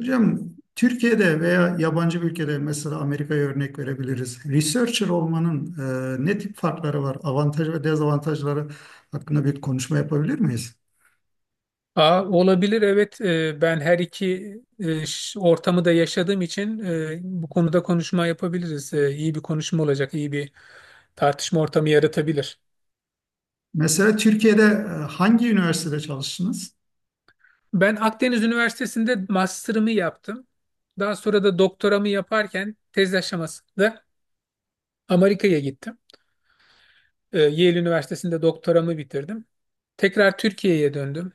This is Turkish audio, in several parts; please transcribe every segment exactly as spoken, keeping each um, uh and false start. Hocam Türkiye'de veya yabancı bir ülkede mesela Amerika'ya örnek verebiliriz. Researcher olmanın e, ne tip farkları var? Avantaj ve dezavantajları hakkında bir konuşma yapabilir miyiz? Aa, olabilir, evet. Ee, ben her iki e, ş- ortamı da yaşadığım için e, bu konuda konuşma yapabiliriz. Ee, iyi bir konuşma olacak, iyi bir tartışma ortamı yaratabilir. Mesela Türkiye'de e, hangi üniversitede çalıştınız? Ben Akdeniz Üniversitesi'nde master'ımı yaptım. Daha sonra da doktoramı yaparken tez aşamasında Amerika'ya gittim. Ee, Yale Üniversitesi'nde doktoramı bitirdim. Tekrar Türkiye'ye döndüm.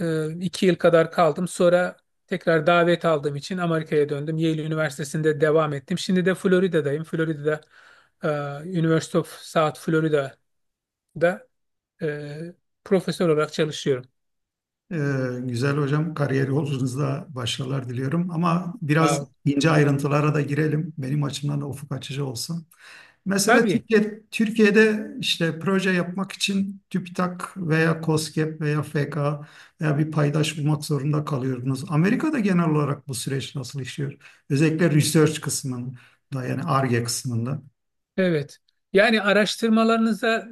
Ee, iki yıl kadar kaldım. Sonra tekrar davet aldığım için Amerika'ya döndüm. Yale Üniversitesi'nde devam ettim. Şimdi de Florida'dayım. Florida'da e, University of South Florida'da e, profesör olarak çalışıyorum. E, Güzel hocam, kariyer yolculuğunuzda başarılar diliyorum ama biraz Ya, ince ayrıntılara da girelim. Benim açımdan da ufuk açıcı olsun. Mesela tabii. Türkiye, Türkiye'de işte proje yapmak için TÜBİTAK veya KOSGEB veya F K veya bir paydaş bulmak zorunda kalıyordunuz. Amerika'da genel olarak bu süreç nasıl işliyor? Özellikle research kısmında, yani Ar-Ge kısmında. Evet. Yani araştırmalarınıza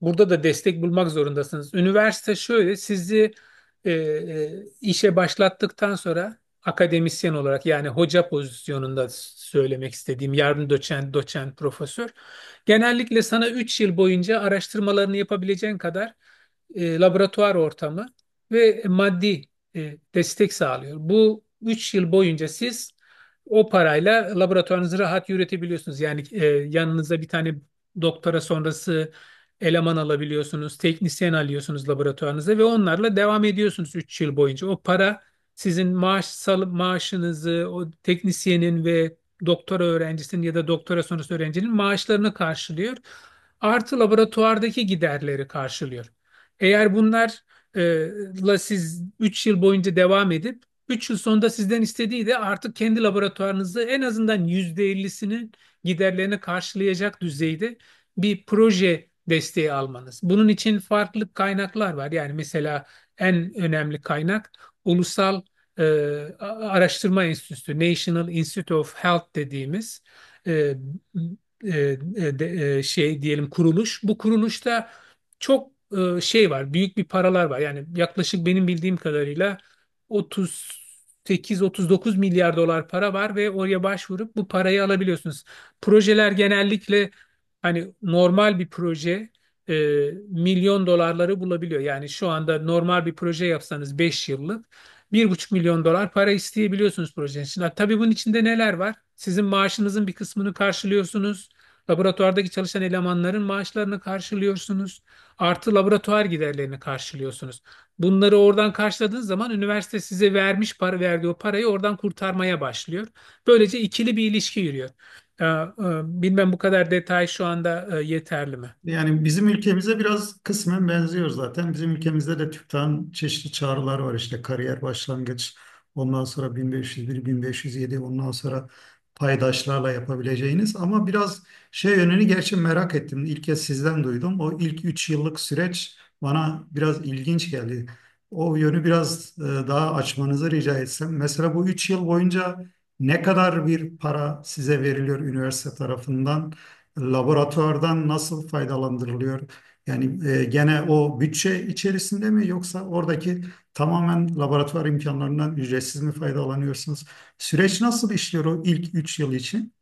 burada da destek bulmak zorundasınız. Üniversite şöyle sizi e, e, işe başlattıktan sonra akademisyen olarak, yani hoca pozisyonunda söylemek istediğim, yardım doçent, doçent, profesör, genellikle sana üç yıl boyunca araştırmalarını yapabileceğin kadar e, laboratuvar ortamı ve maddi e, destek sağlıyor. Bu üç yıl boyunca siz o parayla laboratuvarınızı rahat yürütebiliyorsunuz. Yani e, yanınıza bir tane doktora sonrası eleman alabiliyorsunuz, teknisyen alıyorsunuz laboratuvarınıza ve onlarla devam ediyorsunuz üç yıl boyunca. O para sizin maaş sal- maaşınızı, o teknisyenin ve doktora öğrencisinin ya da doktora sonrası öğrencinin maaşlarını karşılıyor. Artı, laboratuvardaki giderleri karşılıyor. Eğer bunlarla siz üç yıl boyunca devam edip, üç yıl sonunda sizden istediği de artık kendi laboratuvarınızda en azından yüzde ellisinin giderlerini karşılayacak düzeyde bir proje desteği almanız. Bunun için farklı kaynaklar var. Yani mesela en önemli kaynak ulusal e, araştırma enstitüsü, National Institute of Health dediğimiz e, e, e, e, şey diyelim, kuruluş. Bu kuruluşta çok e, şey var, büyük bir paralar var. Yani yaklaşık benim bildiğim kadarıyla otuz sekiz otuz dokuz milyar dolar para var ve oraya başvurup bu parayı alabiliyorsunuz. Projeler genellikle, hani normal bir proje e, milyon dolarları bulabiliyor. Yani şu anda normal bir proje yapsanız beş yıllık bir buçuk milyon dolar para isteyebiliyorsunuz projenin için. Ha, tabii bunun içinde neler var? Sizin maaşınızın bir kısmını karşılıyorsunuz. Laboratuvardaki çalışan elemanların maaşlarını karşılıyorsunuz, artı laboratuvar giderlerini karşılıyorsunuz. Bunları oradan karşıladığınız zaman üniversite size vermiş para verdiği o parayı oradan kurtarmaya başlıyor. Böylece ikili bir ilişki yürüyor. Ee, e, Bilmem bu kadar detay şu anda e, yeterli mi? Yani bizim ülkemize biraz kısmen benziyor zaten. Bizim ülkemizde de TÜBİTAK'ın çeşitli çağrılar var, işte kariyer başlangıç, ondan sonra bin beş yüz bir, bin beş yüz yedi, ondan sonra paydaşlarla yapabileceğiniz. Ama biraz şey yönünü gerçi merak ettim. İlk kez sizden duydum. O ilk üç yıllık süreç bana biraz ilginç geldi. O yönü biraz e, daha açmanızı rica etsem. Mesela bu üç yıl boyunca ne kadar bir para size veriliyor üniversite tarafından? Laboratuvardan nasıl faydalandırılıyor? Yani e, gene o bütçe içerisinde mi yoksa oradaki tamamen laboratuvar imkanlarından ücretsiz mi faydalanıyorsunuz? Süreç nasıl işliyor o ilk üç yıl için?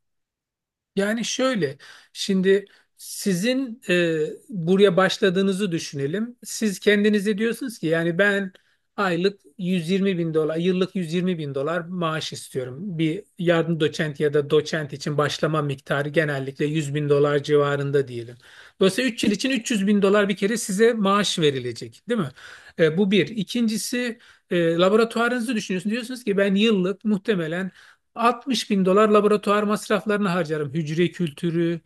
Yani şöyle, şimdi sizin e, buraya başladığınızı düşünelim. Siz kendinize diyorsunuz ki, yani ben aylık yüz yirmi bin dolar, yıllık yüz yirmi bin dolar maaş istiyorum. Bir yardım doçent ya da doçent için başlama miktarı genellikle yüz bin dolar civarında diyelim. Dolayısıyla üç yıl için üç yüz bin dolar bir kere size maaş verilecek, değil mi? E, bu bir. İkincisi, e, laboratuvarınızı düşünüyorsunuz. Diyorsunuz ki ben yıllık muhtemelen altmış bin dolar laboratuvar masraflarını harcarım. Hücre kültürü,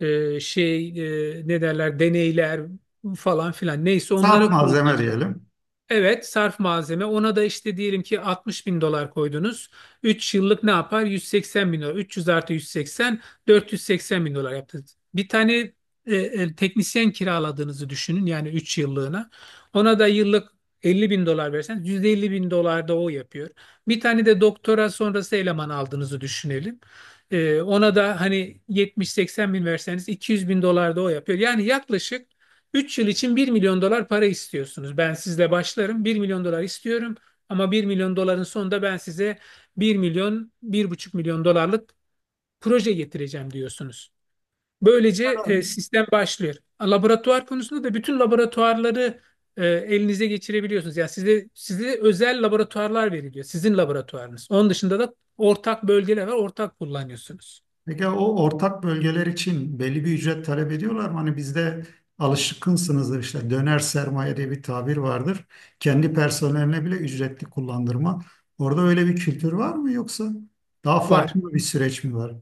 e, şey, e, ne derler, deneyler falan filan. Neyse, Saat onlara malzeme kullanacağım. diyelim. Evet, sarf malzeme. Ona da işte diyelim ki altmış bin dolar koydunuz. üç yıllık ne yapar? yüz seksen bin dolar. üç yüz artı yüz seksen, dört yüz seksen bin dolar yaptı. Bir tane e, e, teknisyen kiraladığınızı düşünün, yani üç yıllığına. Ona da yıllık elli bin dolar verseniz yüz elli bin dolar da o yapıyor. Bir tane de doktora sonrası eleman aldığınızı düşünelim. E, ona da hani yetmiş seksen bin verseniz iki yüz bin dolar da o yapıyor. Yani yaklaşık üç yıl için bir milyon dolar para istiyorsunuz. Ben sizle başlarım. Bir milyon dolar istiyorum, ama bir milyon doların sonunda ben size bir milyon, bir buçuk milyon dolarlık proje getireceğim diyorsunuz. Böylece e, sistem başlıyor. Laboratuvar konusunda da bütün laboratuvarları e, elinize geçirebiliyorsunuz. Yani size, size özel laboratuvarlar veriliyor. Sizin laboratuvarınız. Onun dışında da ortak bölgeler var. Ortak kullanıyorsunuz. Peki o ortak bölgeler için belli bir ücret talep ediyorlar mı? Hani bizde alışkınsınızdır, işte döner sermaye diye bir tabir vardır. Kendi personeline bile ücretli kullandırma. Orada öyle bir kültür var mı yoksa daha Var. farklı bir süreç mi var?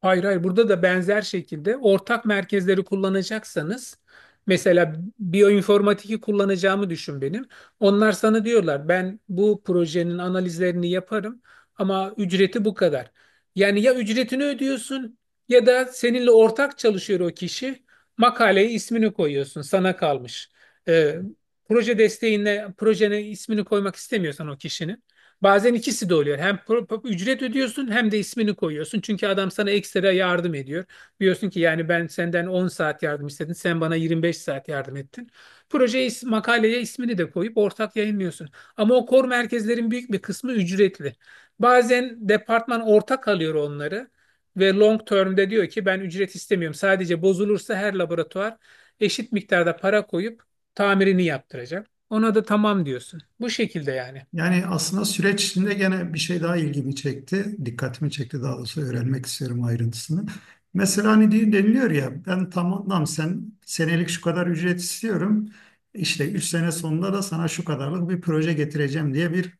Hayır, hayır, burada da benzer şekilde ortak merkezleri kullanacaksanız, mesela biyoinformatik'i kullanacağımı düşün benim. Onlar sana diyorlar, ben bu projenin analizlerini yaparım ama ücreti bu kadar. Yani ya ücretini ödüyorsun, ya da seninle ortak çalışıyor o kişi, makaleye ismini koyuyorsun, sana kalmış. Ee, Proje desteğine, projene ismini koymak istemiyorsan o kişinin. Bazen ikisi de oluyor. Hem pro- pro- ücret ödüyorsun, hem de ismini koyuyorsun. Çünkü adam sana ekstra yardım ediyor. Diyorsun ki, yani ben senden on saat yardım istedim. Sen bana yirmi beş saat yardım ettin. Projeye, is- makaleye ismini de koyup ortak yayınlıyorsun. Ama o kor merkezlerin büyük bir kısmı ücretli. Bazen departman ortak alıyor onları ve long term'de diyor ki ben ücret istemiyorum. Sadece bozulursa her laboratuvar eşit miktarda para koyup tamirini yaptıracak. Ona da tamam diyorsun. Bu şekilde, yani. Yani aslında süreç içinde gene bir şey daha ilgimi çekti. Dikkatimi çekti daha doğrusu, öğrenmek istiyorum ayrıntısını. Mesela hani diye deniliyor ya, ben tamam sen senelik şu kadar ücret istiyorum. İşte üç sene sonunda da sana şu kadarlık bir proje getireceğim diye bir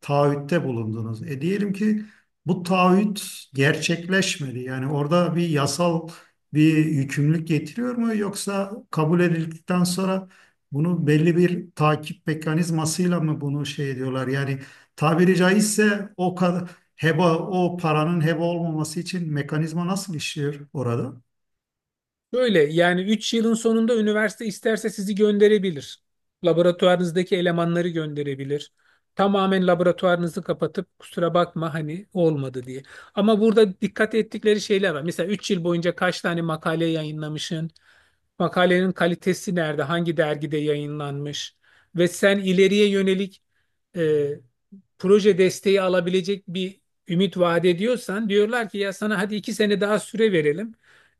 taahhütte bulundunuz. E diyelim ki bu taahhüt gerçekleşmedi. Yani orada bir yasal bir yükümlülük getiriyor mu, yoksa kabul edildikten sonra bunu belli bir takip mekanizmasıyla mı bunu şey ediyorlar? Yani tabiri caizse o kadar heba, o paranın heba olmaması için mekanizma nasıl işliyor orada? Böyle, yani üç yılın sonunda üniversite isterse sizi gönderebilir. Laboratuvarınızdaki elemanları gönderebilir. Tamamen laboratuvarınızı kapatıp, kusura bakma hani olmadı diye. Ama burada dikkat ettikleri şeyler var. Mesela üç yıl boyunca kaç tane makale yayınlamışsın? Makalenin kalitesi nerede? Hangi dergide yayınlanmış? Ve sen ileriye yönelik e, proje desteği alabilecek bir ümit vaat ediyorsan, diyorlar ki ya sana hadi iki sene daha süre verelim,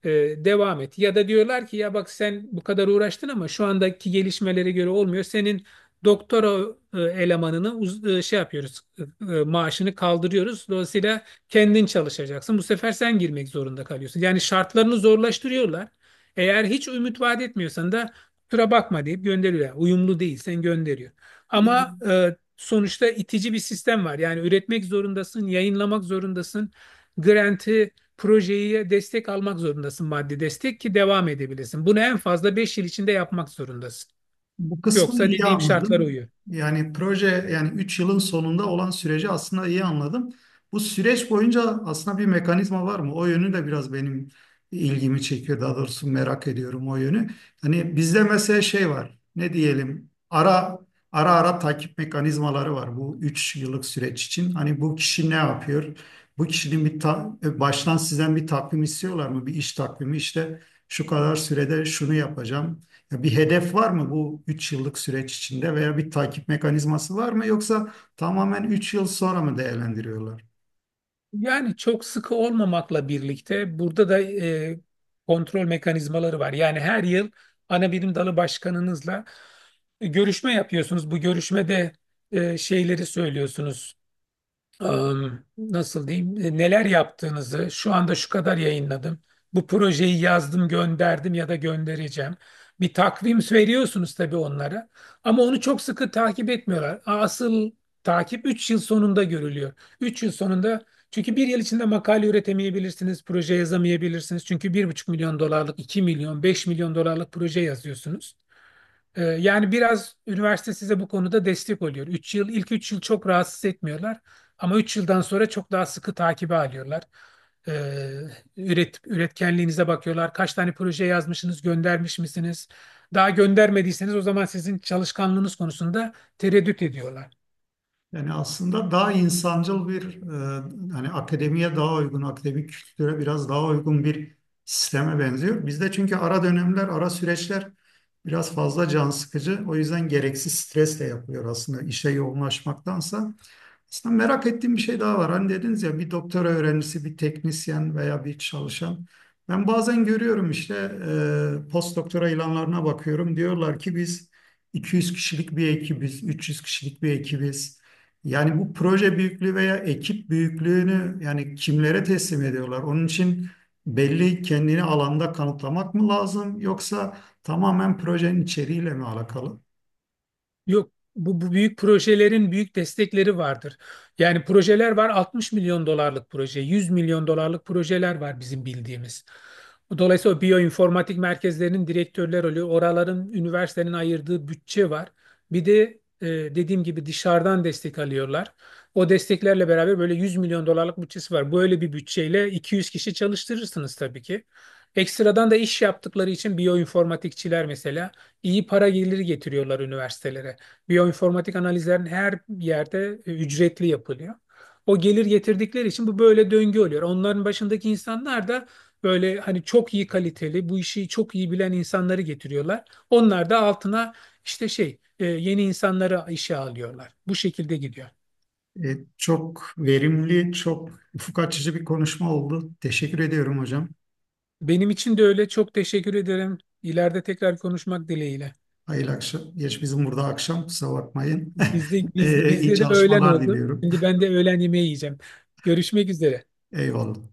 e, devam et. Ya da diyorlar ki ya bak, sen bu kadar uğraştın ama şu andaki gelişmelere göre olmuyor. Senin doktora e, elemanını uz- e, şey yapıyoruz, e, e, maaşını kaldırıyoruz. Dolayısıyla kendin çalışacaksın. Bu sefer sen girmek zorunda kalıyorsun. Yani şartlarını zorlaştırıyorlar. Eğer hiç ümit vaat etmiyorsan da kusura bakma deyip gönderiyorlar. Uyumlu değil sen, gönderiyor. Ama e, sonuçta itici bir sistem var. Yani üretmek zorundasın, yayınlamak zorundasın. Grant'ı, projeye destek almak zorundasın, maddi destek, ki devam edebilesin. Bunu en fazla beş yıl içinde yapmak zorundasın. Bu kısmı Yoksa iyi dediğim şartlara anladım. uyuyor. Yani proje, yani üç yılın sonunda olan süreci aslında iyi anladım. Bu süreç boyunca aslında bir mekanizma var mı? O yönü de biraz benim ilgimi çekiyor. Daha doğrusu merak ediyorum o yönü. Hani bizde mesela şey var. Ne diyelim? Ara ara ara takip mekanizmaları var bu üç yıllık süreç için. Hani bu kişi ne yapıyor? Bu kişinin bir ta- baştan sizden bir takvim istiyorlar mı? Bir iş takvimi, işte şu kadar sürede şunu yapacağım, ya bir hedef var mı bu üç yıllık süreç içinde veya bir takip mekanizması var mı, yoksa tamamen üç yıl sonra mı değerlendiriyorlar? Yani çok sıkı olmamakla birlikte burada da e, kontrol mekanizmaları var. Yani her yıl ana bilim dalı başkanınızla e, görüşme yapıyorsunuz. Bu görüşmede e, şeyleri söylüyorsunuz. Am, nasıl diyeyim, e, neler yaptığınızı, şu anda şu kadar yayınladım. Bu projeyi yazdım, gönderdim ya da göndereceğim. Bir takvim veriyorsunuz tabii onlara, ama onu çok sıkı takip etmiyorlar. Asıl takip üç yıl sonunda görülüyor. Üç yıl sonunda, çünkü bir yıl içinde makale üretemeyebilirsiniz, proje yazamayabilirsiniz. Çünkü bir buçuk milyon dolarlık, iki milyon, beş milyon dolarlık proje yazıyorsunuz. Ee, yani biraz üniversite size bu konuda destek oluyor. Üç yıl, ilk üç yıl çok rahatsız etmiyorlar, ama üç yıldan sonra çok daha sıkı takibe alıyorlar. Ee, üret, Üretkenliğinize bakıyorlar. Kaç tane proje yazmışsınız, göndermiş misiniz? Daha göndermediyseniz, o zaman sizin çalışkanlığınız konusunda tereddüt ediyorlar. Yani aslında daha insancıl bir e, hani akademiye daha uygun, akademik kültüre biraz daha uygun bir sisteme benziyor. Bizde çünkü ara dönemler, ara süreçler biraz fazla can sıkıcı. O yüzden gereksiz stresle yapılıyor aslında işe yoğunlaşmaktansa. Aslında merak ettiğim bir şey daha var. Hani dediniz ya, bir doktora öğrencisi, bir teknisyen veya bir çalışan. Ben bazen görüyorum, işte e, post doktora ilanlarına bakıyorum. Diyorlar ki biz iki yüz kişilik bir ekibiz, üç yüz kişilik bir ekibiz. Yani bu proje büyüklüğü veya ekip büyüklüğünü yani kimlere teslim ediyorlar? Onun için belli kendini alanda kanıtlamak mı lazım yoksa tamamen projenin içeriğiyle mi alakalı? Yok, bu, bu büyük projelerin büyük destekleri vardır. Yani projeler var, altmış milyon dolarlık proje, yüz milyon dolarlık projeler var bizim bildiğimiz. Dolayısıyla o biyoinformatik merkezlerinin direktörler oluyor. Oraların üniversitenin ayırdığı bütçe var. Bir de, e, dediğim gibi dışarıdan destek alıyorlar. O desteklerle beraber böyle yüz milyon dolarlık bütçesi var. Böyle bir bütçeyle iki yüz kişi çalıştırırsınız tabii ki. Ekstradan da iş yaptıkları için biyoinformatikçiler, mesela, iyi para geliri getiriyorlar üniversitelere. Biyoinformatik analizlerin her yerde e, ücretli yapılıyor. O gelir getirdikleri için bu böyle döngü oluyor. Onların başındaki insanlar da böyle hani çok iyi kaliteli, bu işi çok iyi bilen insanları getiriyorlar. Onlar da altına işte şey, e, yeni insanları işe alıyorlar. Bu şekilde gidiyor. E, çok verimli, çok ufuk açıcı bir konuşma oldu. Teşekkür ediyorum hocam. Benim için de öyle. Çok teşekkür ederim. İleride tekrar konuşmak dileğiyle. Hayırlı akşam. Geç bizim burada akşam, kusura bakmayın. Bizde biz, E, iyi bizde de öğlen çalışmalar oldu. diliyorum. Şimdi ben de öğlen yemeği yiyeceğim. Görüşmek üzere. Eyvallah.